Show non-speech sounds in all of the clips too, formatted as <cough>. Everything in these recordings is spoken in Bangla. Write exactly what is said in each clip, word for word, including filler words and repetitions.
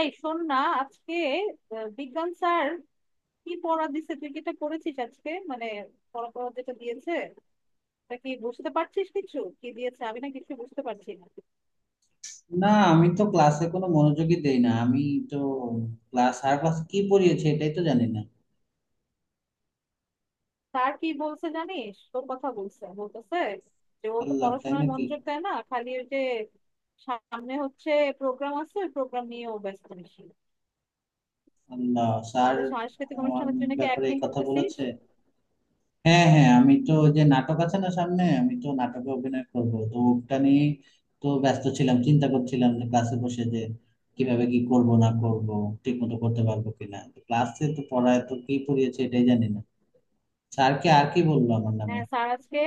এই শোন না, আজকে আহ, বিজ্ঞান স্যার কি পড়া দিছে, তুই কি এটা করেছিস আজকে? মানে পড়া পড়া যেটা দিয়েছে, তা কি বুঝতে পারছিস? কিছু কি দিয়েছে? আমি না কিছু বুঝতে পারছি না। না, আমি তো ক্লাসে কোনো মনোযোগই দেই না। আমি তো ক্লাস স্যার ক্লাস কি পড়িয়েছে এটাই তো জানি না। স্যার কি বলছে জানিস? তোর কথা বলছে, বলতেছে যে ও তো আল্লাহ, তাই পড়াশোনায় নাকি? মনোযোগ দেয় না, খালি ওই যে সামনে হচ্ছে প্রোগ্রাম আছে ওই প্রোগ্রাম নিয়ে ও ব্যস্ত বেশি। আল্লাহ, স্যার আমাদের সাংস্কৃতিক আমার অনুষ্ঠানের জন্য কি ব্যাপারে এই অ্যাক্টিং কথা করতেছিস? বলেছে? হ্যাঁ, হ্যাঁ, আমি তো ওই যে নাটক আছে না সামনে, আমি তো নাটকে অভিনয় করব, তো ওটা নিয়ে তো ব্যস্ত ছিলাম, চিন্তা করছিলাম যে ক্লাসে বসে যে কিভাবে কি করব না করব, ঠিক মতো করতে পারবো কিনা। ক্লাসে তো পড়ায় তো কি পড়িয়েছে এটাই জানি না। স্যারকে আর কি বললো আমার নামে? হ্যাঁ, স্যার আজকে,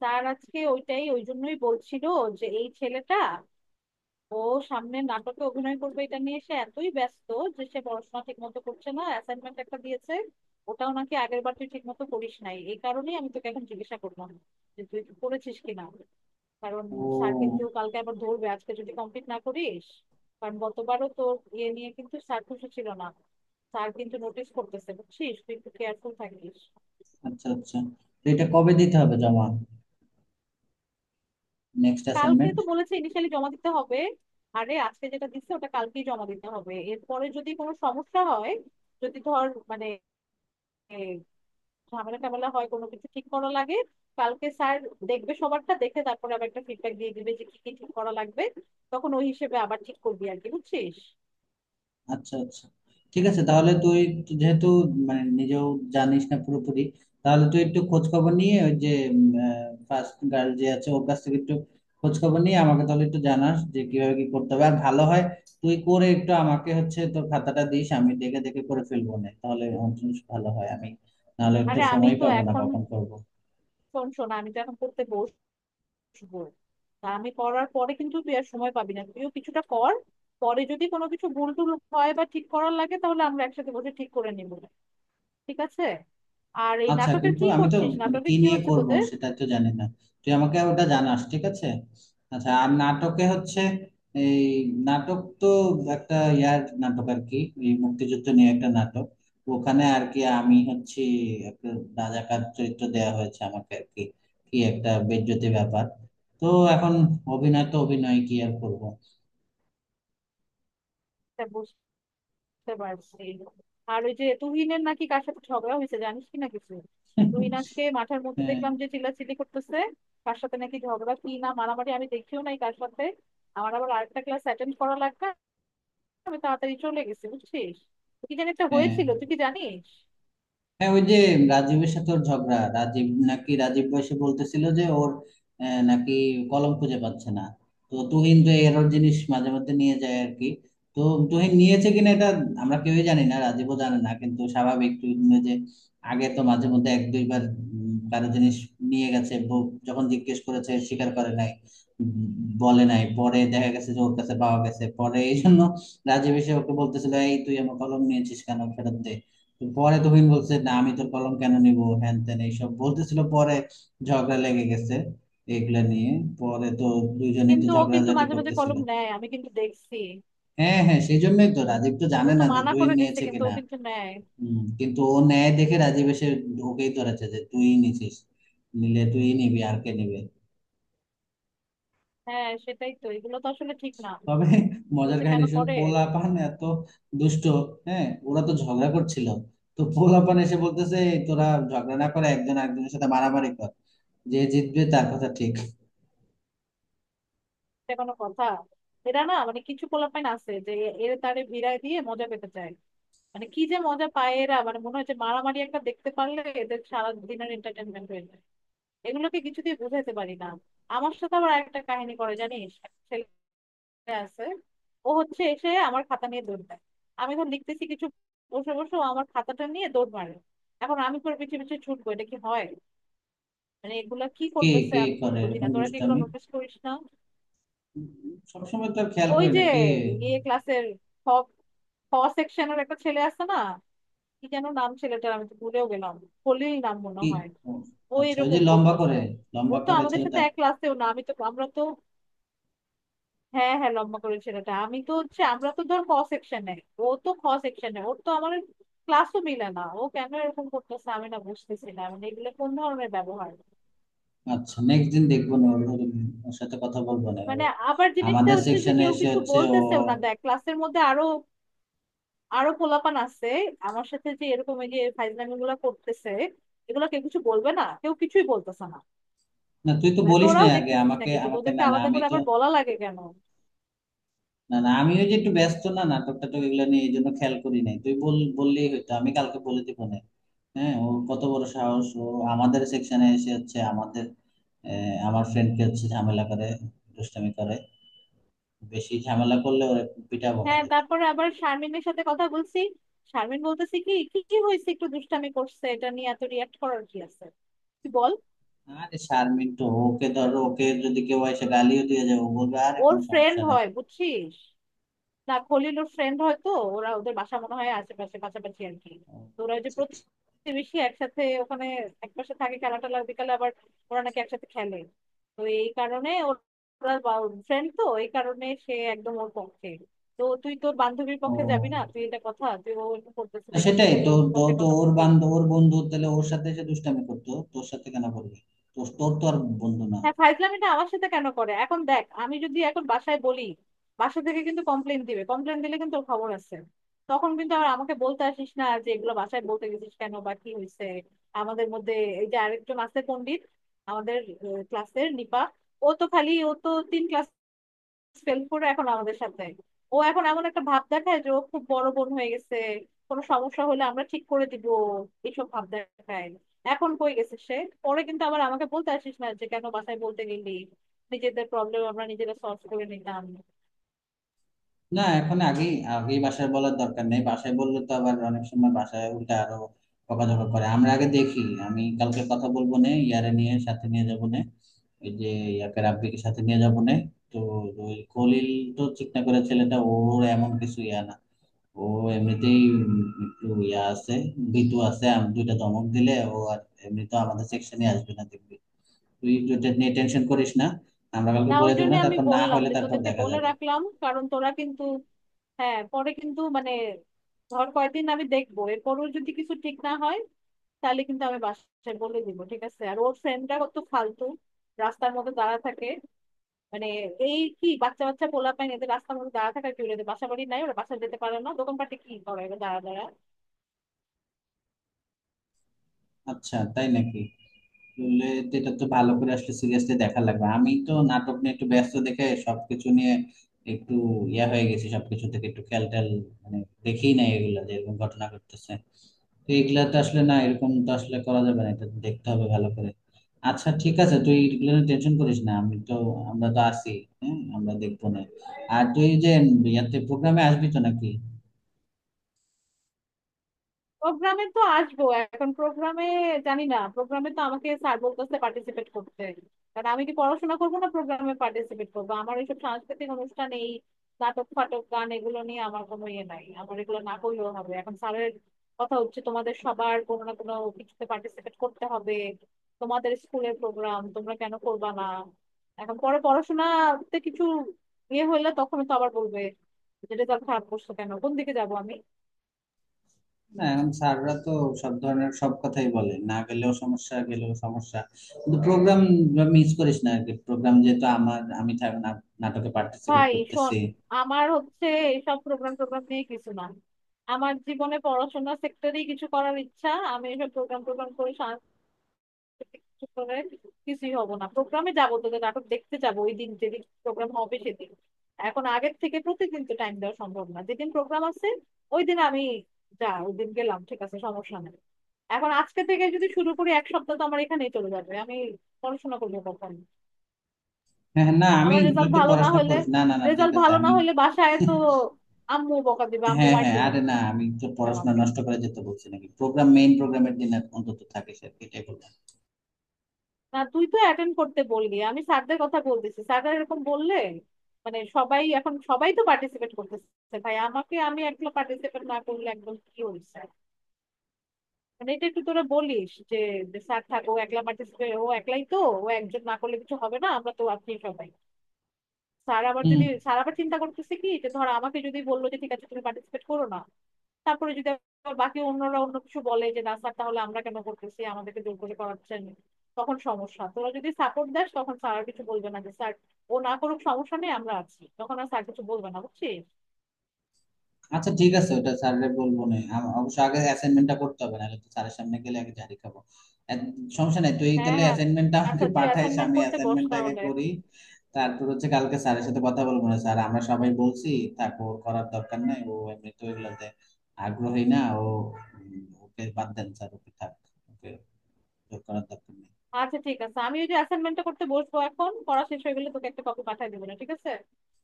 স্যার আজকে ওইটাই, ওই জন্যই বলছিল যে এই ছেলেটা ও সামনে নাটকে অভিনয় করবে, এটা নিয়ে সে এতই ব্যস্ত যে সে পড়াশোনা ঠিক মতো করছে না। অ্যাসাইনমেন্ট একটা দিয়েছে, ওটাও নাকি আগের বার তুই ঠিক মতো করিস নাই, এই কারণেই আমি তোকে এখন জিজ্ঞাসা করলাম যে তুই করেছিস কিনা। কারণ স্যার ও, কিন্তু কালকে আবার ধরবে আজকে যদি কমপ্লিট না করিস। কারণ গতবারও তোর ইয়ে নিয়ে কিন্তু স্যার খুশি ছিল না, স্যার কিন্তু নোটিস করতেছে, বুঝছিস? তুই একটু কেয়ারফুল থাকিস। আচ্ছা আচ্ছা। তো এটা কবে দিতে হবে জমা? নেক্সট কালকে অ্যাসাইনমেন্ট? তো বলেছে ইনিশিয়ালি জমা দিতে হবে। আরে আজকে যেটা দিচ্ছে ওটা কালকেই জমা দিতে হবে, এরপরে যদি কোনো সমস্যা হয়, যদি ধর মানে এ, ঝামেলা টামেলা হয়, কোনো কিছু ঠিক করা লাগে, কালকে স্যার দেখবে সবারটা, দেখে তারপরে আবার একটা ফিডব্যাক দিয়ে দিবে যে কি কি ঠিক করা লাগবে। তখন ওই হিসেবে আবার ঠিক করবি আর কি, বুঝছিস? আচ্ছা আচ্ছা, ঠিক আছে। তাহলে তুই যেহেতু মানে নিজেও জানিস না পুরোপুরি, তাহলে তুই একটু খোঁজ খবর নিয়ে ওই যে ফার্স্ট গার্ল যে আছে ওর কাছ থেকে একটু খোঁজ খবর নিয়ে আমাকে তাহলে একটু জানাস যে কিভাবে কি করতে হবে আর ভালো হয়। তুই করে একটু আমাকে হচ্ছে তোর খাতাটা দিস, আমি দেখে দেখে করে ফেলবো, না তাহলে আমার জন্য ভালো হয়। আমি নাহলে তো আরে আমি সময় তো পাবো না এখন, কখন করবো। শোন শোন, আমি তো এখন পড়তে বসবো। তা আমি পড়ার পরে কিন্তু তুই আর সময় পাবি না, তুইও কিছুটা কর। পরে যদি কোনো কিছু ভুল টুল হয় বা ঠিক করার লাগে তাহলে আমরা একসাথে বসে ঠিক করে নিবো, ঠিক আছে? আর এই আচ্ছা, নাটকের কিন্তু কি আমি তো করছিস, মানে নাটকে কি কি নিয়ে হচ্ছে করব তোদের? সেটা তো জানি না, তুই আমাকে ওটা জানাস, ঠিক আছে? আচ্ছা, আর নাটকে হচ্ছে এই নাটক তো একটা ইয়ার নাটক আর কি, এই মুক্তিযুদ্ধ নিয়ে একটা নাটক। ওখানে আর কি আমি হচ্ছে একটা রাজাকার চরিত্র দেয়া হয়েছে আমাকে আর কি। কি একটা বেজ্জতি ব্যাপার! তো এখন অভিনয় তো অভিনয় কি আর করবো। এটা বুঝতে পারছি। আর ওই যে তুহিনের নাকি কার সাথে ঝগড়া হয়েছে, জানিস কি না কিছু? তুহিন <laughs> আজকে মাঠের মধ্যে হ্যাঁ, দেখলাম যে চিল্লাচিল্লি করতেছে, কার সাথে নাকি ঝগড়া কি না মারামারি, আমি দেখিও নাই কার সাথে। আমার আবার আরেকটা ক্লাস অ্যাটেন্ড করা লাগবে, আমি তাড়াতাড়ি চলে গেছি, বুঝছিস? তো কি জানি একটা হ্যাঁ হয়েছিল, তুই কি জানিস? হ্যাঁ, ওই যে রাজীবের সাথে ওর ঝগড়া। রাজীব নাকি, রাজীব বয়সে বলতেছিল যে ওর আহ, নাকি কলম খুঁজে পাচ্ছে না। তো তুহিন তো এরর জিনিস মাঝে মধ্যে নিয়ে যায় আর কি। তো তুহিন নিয়েছে কিনা এটা আমরা কেউই জানি না, রাজীবও জানে না, কিন্তু স্বাভাবিক তুহিন যে আগে তো মাঝে মধ্যে এক দুইবার উম, কারো জিনিস নিয়ে গেছে, ব- যখন জিজ্ঞেস করেছে স্বীকার করে নাই, উম, বলে নাই, পরে দেখা গেছে যে ওর কাছে পাওয়া গেছে। পরে এই জন্য রাজীব এসে ওকে বলতেছিল, "এই, তুই আমার কলম নিয়েছিস কেন, ফেরত দে।" পরে তুহিন বলছে, "না, আমি তোর কলম কেন নিব, হ্যান ত্যান" এইসব বলতেছিল। পরে ঝগড়া লেগে গেছে এগুলা নিয়ে। পরে তো দুইজনই তো কিন্তু ও কিন্তু ঝগড়াঝাটি মাঝে মাঝে করতেছিল। কলম নেয়, আমি কিন্তু দেখছি। হ্যাঁ হ্যাঁ, সেই জন্যই তো রাজীব তো ও জানে তো না যে মানা তুহিন করে দিচ্ছে, নিয়েছে কিন্তু ও কিনা। কিন্তু নেয়। হম, কিন্তু ও নেয় দেখে রাজীব এসে ওকেই ধরেছে যে তুই নিছিস। নিলে তুই নিবি আর কে নিবে। হ্যাঁ সেটাই তো, এগুলো তো আসলে ঠিক না, তবে এগুলো মজার যে কেন কাহিনী শুন, করে। পোলাপান এত দুষ্ট! হ্যাঁ, ওরা তো ঝগড়া করছিল। তো পোলাপান এসে বলতেছে, "এই তোরা ঝগড়া না করে একজন আরেকজনের সাথে মারামারি কর, যে জিতবে তার কথা ঠিক।" এটা কোনো কথা? এরা না, মানে কিছু পোলাপাইন আছে যে এ- এরা তারে ভিড়ায় দিয়ে মজা পেতে চায়। মানে কি যে মজা পায় এরা, মানে মনে হয় যে মারামারি একটা দেখতে পারলে এদের সারা দিনের এন্টারটেনমেন্ট হয়ে যায়। এগুলোকে কিছু দিয়ে বোঝাতে পারি না। আমার সাথে আবার একটা কাহিনী করে, জানিস? একটা ছেলে আছে, ও হচ্ছে এসে আমার খাতা নিয়ে দৌড় দেয়। আমি এখন লিখতেছি কিছু, বসে বসে ও আমার খাতাটা নিয়ে দৌড় মারে। এখন আমি তোর পিছিয়ে পিছিয়ে ছুটবো, এটা কি হয়? মানে এগুলা কি কে করতেছে কে আমি কিছু করে বুঝি না। এরকম তোরা কি এগুলো দুষ্টামি? নোটিস করিস না? উম, সবসময় তো আর খেয়াল ওই করি যে না কে ইয়ে ক্লাসের খ খ সেকশনের একটা ছেলে আছে না, কি যেন নাম ছেলেটার, আমি তো ভুলেও গেলাম, খলিল নাম মনে কি। হয়। ও, ও আচ্ছা, ওই যে এরকম লম্বা করতেছে। করে, ও লম্বা তো করে আমাদের সাথে ছেলেটা। এক ক্লাসেও না, আমি তো, আমরা তো, হ্যাঁ হ্যাঁ, লম্বা করে ছেলেটা। আমি তো হচ্ছে, আমরা তো ধর ক সেকশনে, ও তো খ সেকশনে। ওর তো আমার ক্লাসও মিলে না, ও কেন এরকম করতেছে আমি না বুঝতেছি না, মানে এগুলো কোন ধরনের ব্যবহার। আচ্ছা, নেক্সট দিন দেখবো না, ওর ওর- ওর সাথে কথা বলবো না। ও মানে আবার জিনিসটা আমাদের হচ্ছে যে সেকশনে কেউ এসে কিছু হচ্ছে ও— বলতেছেও না, দেখ ক্লাসের মধ্যে আরো আরো পোলাপান আছে আমার সাথে যে এরকম, এই যে ফাইজলামি গুলা করতেছে, এগুলা কেউ কিছু বলবে না, কেউ কিছুই বলতেছে না। না, তুই তো মানে বলিস না তোরাও আগে দেখতেছিস না আমাকে কিছু? আমাকে না তোদেরকে না, আলাদা আমি করে তো, আবার বলা লাগে কেন? না না, আমি ওই যে একটু ব্যস্ত না, নাটক টাটক এগুলো নিয়ে, এই জন্য খেয়াল করি নাই। তুই বল, বললেই হয়তো আমি কালকে বলে দিব না। হ্যাঁ, ও কত বড় সাহস, ও আমাদের সেকশনে এসে হচ্ছে আমাদের আহ, আমার ফ্রেন্ডকে হচ্ছে ঝামেলা করে, দুষ্টামি করে। বেশি ঝামেলা করলে ওরে পিটাবো না হ্যাঁ ধরে। তারপরে আবার শারমিনের সাথে কথা বলছি, শারমিন বলতেছি কি, কি কি হয়েছে, একটু দুষ্টামি করছে, এটা নিয়ে এত রিয়াক্ট করার কি আছে, তুই বল। আরে, শারমিন তো, ওকে ধরো, ওকে যদি কেউ এসে গালিও দিয়ে যায় ও বলবে, "আরে ওর কোনো ফ্রেন্ড সমস্যা নাই।" হয় বুঝছিস, না খলিল ওর ফ্রেন্ড হয়তো। ওরা ওদের বাসা মনে হয় আশেপাশে পাশাপাশি আর কি। ও, তো ওরা ওই যে আচ্ছা, আচ্ছা। প্রতিবেশী একসাথে ওখানে একপাশে থাকে, খেলা টেলা বিকালে আবার ওরা নাকি একসাথে খেলে। তো এই কারণে ওর- ওরা ফ্রেন্ড, তো এই কারণে সে একদম ওর পক্ষে। তো তুই তোর বান্ধবীর ও, পক্ষে যাবি না, তুই এটা কথা, তুই ও এরকম করতেছে না, দেখে তুই সেটাই খালি তো। ওর তো পক্ষে তো কথা ওর বলবি। বান্ধব ওর বন্ধু তাহলে ওর সাথে এসে দুষ্টামি করতো, তোর সাথে কেন করবে? তোর তোর তো আর বন্ধু না। হ্যাঁ ফাইজলামিটা আমার সাথে কেন করে, এখন দেখ আমি যদি এখন বাসায় বলি, বাসা থেকে কিন্তু কমপ্লেন দিবে, কমপ্লেন দিলে কিন্তু ওর খবর আছে। তখন কিন্তু আর আমাকে বলতে আসিস না যে এগুলো বাসায় বলতে গেছিস কেন বা কি হয়েছে। আমাদের মধ্যে এই যে আরেকজন আছে পণ্ডিত, আমাদের ক্লাসের নিপা, ও তো খালি, ও তো তিন ক্লাস সেলফ করে এখন আমাদের সাথে, ও এখন এমন একটা ভাব দেখায় যে ও খুব বড় বোন হয়ে গেছে, কোনো সমস্যা হলে আমরা ঠিক করে দিব, এইসব ভাব দেখায়। এখন কই গেছে সে। পরে কিন্তু আবার আমাকে বলতে আসিস না যে কেন বাসায় বলতে গেলি, নিজেদের প্রবলেম আমরা নিজেরা সলভ করে নিতাম। না, এখন আগেই আগেই বাসায় বলার দরকার নেই। বাসায় বললে তো আবার অনেক সময় বাসায় উল্টা আরো বকাঝকা করে। আমরা আগে দেখি। আমি কালকে কথা বলবো নে ইয়ারে নিয়ে, সাথে নিয়ে যাবো নে, ওই যে ইয়াকে, রাব্বিকে সাথে নিয়ে যাবো নে। তো ওই খলিল, তো চিকনা করে ছেলেটা, ওর এমন কিছু ইয়া না ও, এমনিতেই উম একটু ইয়া আছে, ভীতু আছে। আমি দুইটা ধমক দিলে ও আর এমনি তো আমাদের সেকশনে আসবে না, দেখবি। তুই এটা নিয়ে টেনশন করিস না। আমরা কালকে না বলে ওই দেবো, জন্য না আমি তারপর, না বললাম হলে যে তারপর তোদেরকে দেখা বলে যাবে। রাখলাম, কারণ তোরা কিন্তু, হ্যাঁ পরে কিন্তু মানে, ধর কয়েকদিন আমি দেখবো, এরপরও যদি কিছু ঠিক না হয় তাহলে কিন্তু আমি বাসায় বলে দিব, ঠিক আছে? আর ওর ফ্রেন্ডটা কত ফালতু, রাস্তার মধ্যে দাঁড়া থাকে মানে, এই কি বাচ্চা বাচ্চা পোলাপাইন এদের রাস্তার মধ্যে দাঁড়া থাকা কি হলো? এদের বাসা বাড়ি নাই? ওরা বাসা যেতে পারে না? দোকানপাটে কি করে এবার দাঁড়া দাঁড়া। আচ্ছা, তাই নাকি? আসলে তো এটা তো ভালো করে আসলে সিরিয়াসলি দেখা লাগবে। আমি তো নাটক নিয়ে একটু ব্যস্ত দেখে সবকিছু নিয়ে একটু ইয়া হয়ে গেছি, সবকিছু থেকে একটু খেয়াল টেয়াল মানে দেখেই নাই এগুলা যে এরকম ঘটনা ঘটতেছে। তো এগুলা তো আসলে না, এরকম তো আসলে করা যাবে না, এটা দেখতে হবে ভালো করে। আচ্ছা ঠিক আছে, তুই এগুলো টেনশন করিস না, আমি তো আমরা তো আছি। হ্যাঁ, আমরা দেখবো না। আর তুই যে ইয়াতে প্রোগ্রামে আসবি তো নাকি? প্রোগ্রামে তো আসবো, এখন প্রোগ্রামে জানি না, প্রোগ্রামে তো আমাকে স্যার বলতেছে পার্টিসিপেট করতে। কারণ আমি কি পড়াশোনা করবো না প্রোগ্রামে পার্টিসিপেট করবো? আমার এইসব সাংস্কৃতিক অনুষ্ঠান, এই নাটক ফাটক গান এগুলো নিয়ে আমার কোনো ইয়ে নাই, আমার এগুলো না করলেও হবে। এখন স্যারের কথা হচ্ছে তোমাদের সবার কোনো না কোনো কিছুতে পার্টিসিপেট করতে হবে, তোমাদের স্কুলের প্রোগ্রাম তোমরা কেন করবা না। এখন পরে পড়াশোনাতে কিছু ইয়ে হলে তখন তো আবার বলবে যে রেজাল্ট খারাপ করছো কেন। কোন দিকে যাবো আমি। না, এখন স্যাররা তো সব ধরনের সব কথাই বলে, না গেলেও সমস্যা, গেলেও সমস্যা, কিন্তু প্রোগ্রাম মিস করিস না আর কি, প্রোগ্রাম যেহেতু আমার, আমি থাক- না- নাটকে পার্টিসিপেট ভাই শোন, করতেছি। আমার হচ্ছে এসব প্রোগ্রাম টোগ্রাম নিয়ে কিছু না, আমার জীবনে পড়াশোনা সেক্টরেই কিছু করার ইচ্ছা। আমি এসব প্রোগ্রাম টোগ্রাম করে, সাংস্কৃতিক কিছু করে, কিছুই হব না। প্রোগ্রামে যাবো তোদের নাটক দেখতে যাবো ওই দিন, যেদিন প্রোগ্রাম হবে সেদিন। এখন আগের থেকে প্রতিদিন তো টাইম দেওয়া সম্ভব না। যেদিন প্রোগ্রাম আছে ওই দিন আমি যা, ওই দিন গেলাম, ঠিক আছে, সমস্যা নেই। এখন আজকে থেকে যদি শুরু করি এক সপ্তাহ তো আমার এখানেই চলে যাবে, আমি পড়াশোনা করবো কখন? হ্যাঁ হ্যাঁ, না আমি, আমার তুই রেজাল্ট তো ভালো না পড়াশোনা হলে, করিস না, না না, ঠিক রেজাল্ট আছে ভালো না আমি। হলে বাসায় তো আম্মু বকা দিবে, আম্মু হ্যাঁ মার হ্যাঁ, দিবে আরে না, আমি তো পড়াশোনা আমাকে। নষ্ট করে যেতে বলছি নাকি? প্রোগ্রাম মেইন, প্রোগ্রামের দিন অন্তত থাকিস আর কি, এটাই বললাম। না তুই তো অ্যাটেন্ড করতে বললি, আমি স্যারদের কথা বলতেছি, স্যাররা এরকম বললে মানে, সবাই এখন সবাই তো পার্টিসিপেট করতেছে ভাই, আমাকে, আমি একলা পার্টিসিপেট না করলে একদম কি হয়েছে। মানে এটা একটু তোরা বলিস যে স্যার থাক ও একলা পার্টিসিপেট, ও একলাই তো, ও একজন না করলে কিছু হবে না, আমরা তো আপনি সবাই। স্যার আবার হুম। যদি, স্যার আবার চিন্তা করতেছে কি যে, ধর আমাকে যদি বললো যে ঠিক আছে তুমি পার্টিসিপেট করো না, তারপরে যদি আবার বাকি অন্যরা অন্য কিছু বলে যে না স্যার তাহলে আমরা কেন করতেছি, আমাদেরকে জোর করে করাচ্ছেন, তখন সমস্যা। তোরা যদি সাপোর্ট দেস তখন স্যার আর কিছু বলবে না, যে স্যার ও না করুক সমস্যা নেই আমরা আছি, তখন আর স্যার কিছু বলবে না, বুঝছিস? আচ্ছা ঠিক আছে, ওটা স্যাররে বলবো। না আম- অবশ্য আগে অ্যাসাইনমেন্টটা করতে হবে, নাহলে তো স্যারের সামনে গেলে আগে ঝাড়ি খাবো। এক- সমস্যা নাই, তুই হ্যাঁ তাহলে হ্যাঁ, অ্যাসাইনমেন্টটা আমাকে আচ্ছা তুই পাঠাইস, অ্যাসাইনমেন্ট আমি করতে বস অ্যাসাইনমেন্টটা আগে তাহলে। করি। তারপর হচ্ছে কালকে স্যারের সাথে কথা বলবো, "না স্যার, আমরা সবাই বলছি থাক, ওর করার দরকার নাই, ও এমনি তো এগুলোতে আগ্রহী না, ও উম, ওকে বাদ দেন স্যার, ওকে থাক, ওকে, ওর করার দরকার নেই।" আচ্ছা ঠিক আছে, আমি ওই যে অ্যাসাইনমেন্টটা করতে বসবো এখন, পড়া শেষ হয়ে গেলে তোকে একটা কপি পাঠিয়ে দেবো না, ঠিক আছে?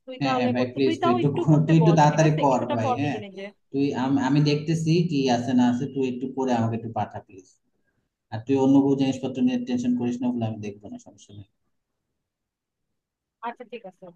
তুই হ্যাঁ তাহলে হ্যাঁ ভাই, করতে, প্লিজ তুই তুই তাও একটু একটু করতে তুই একটু বস, ঠিক তাড়াতাড়ি আছে, কর কিছুটা ভাই, কর হ্যাঁ। নিজে নিজে। তুই আম- আমি দেখতেছি কি আছে না আছে, তুই একটু করে আমাকে একটু পাঠা প্লিজ। আর তুই অন্য কোনো জিনিসপত্র নিয়ে টেনশন করিস না, বলে আমি দেখবো, না সমস্যা নেই। আচ্ছা ঠিক আছে।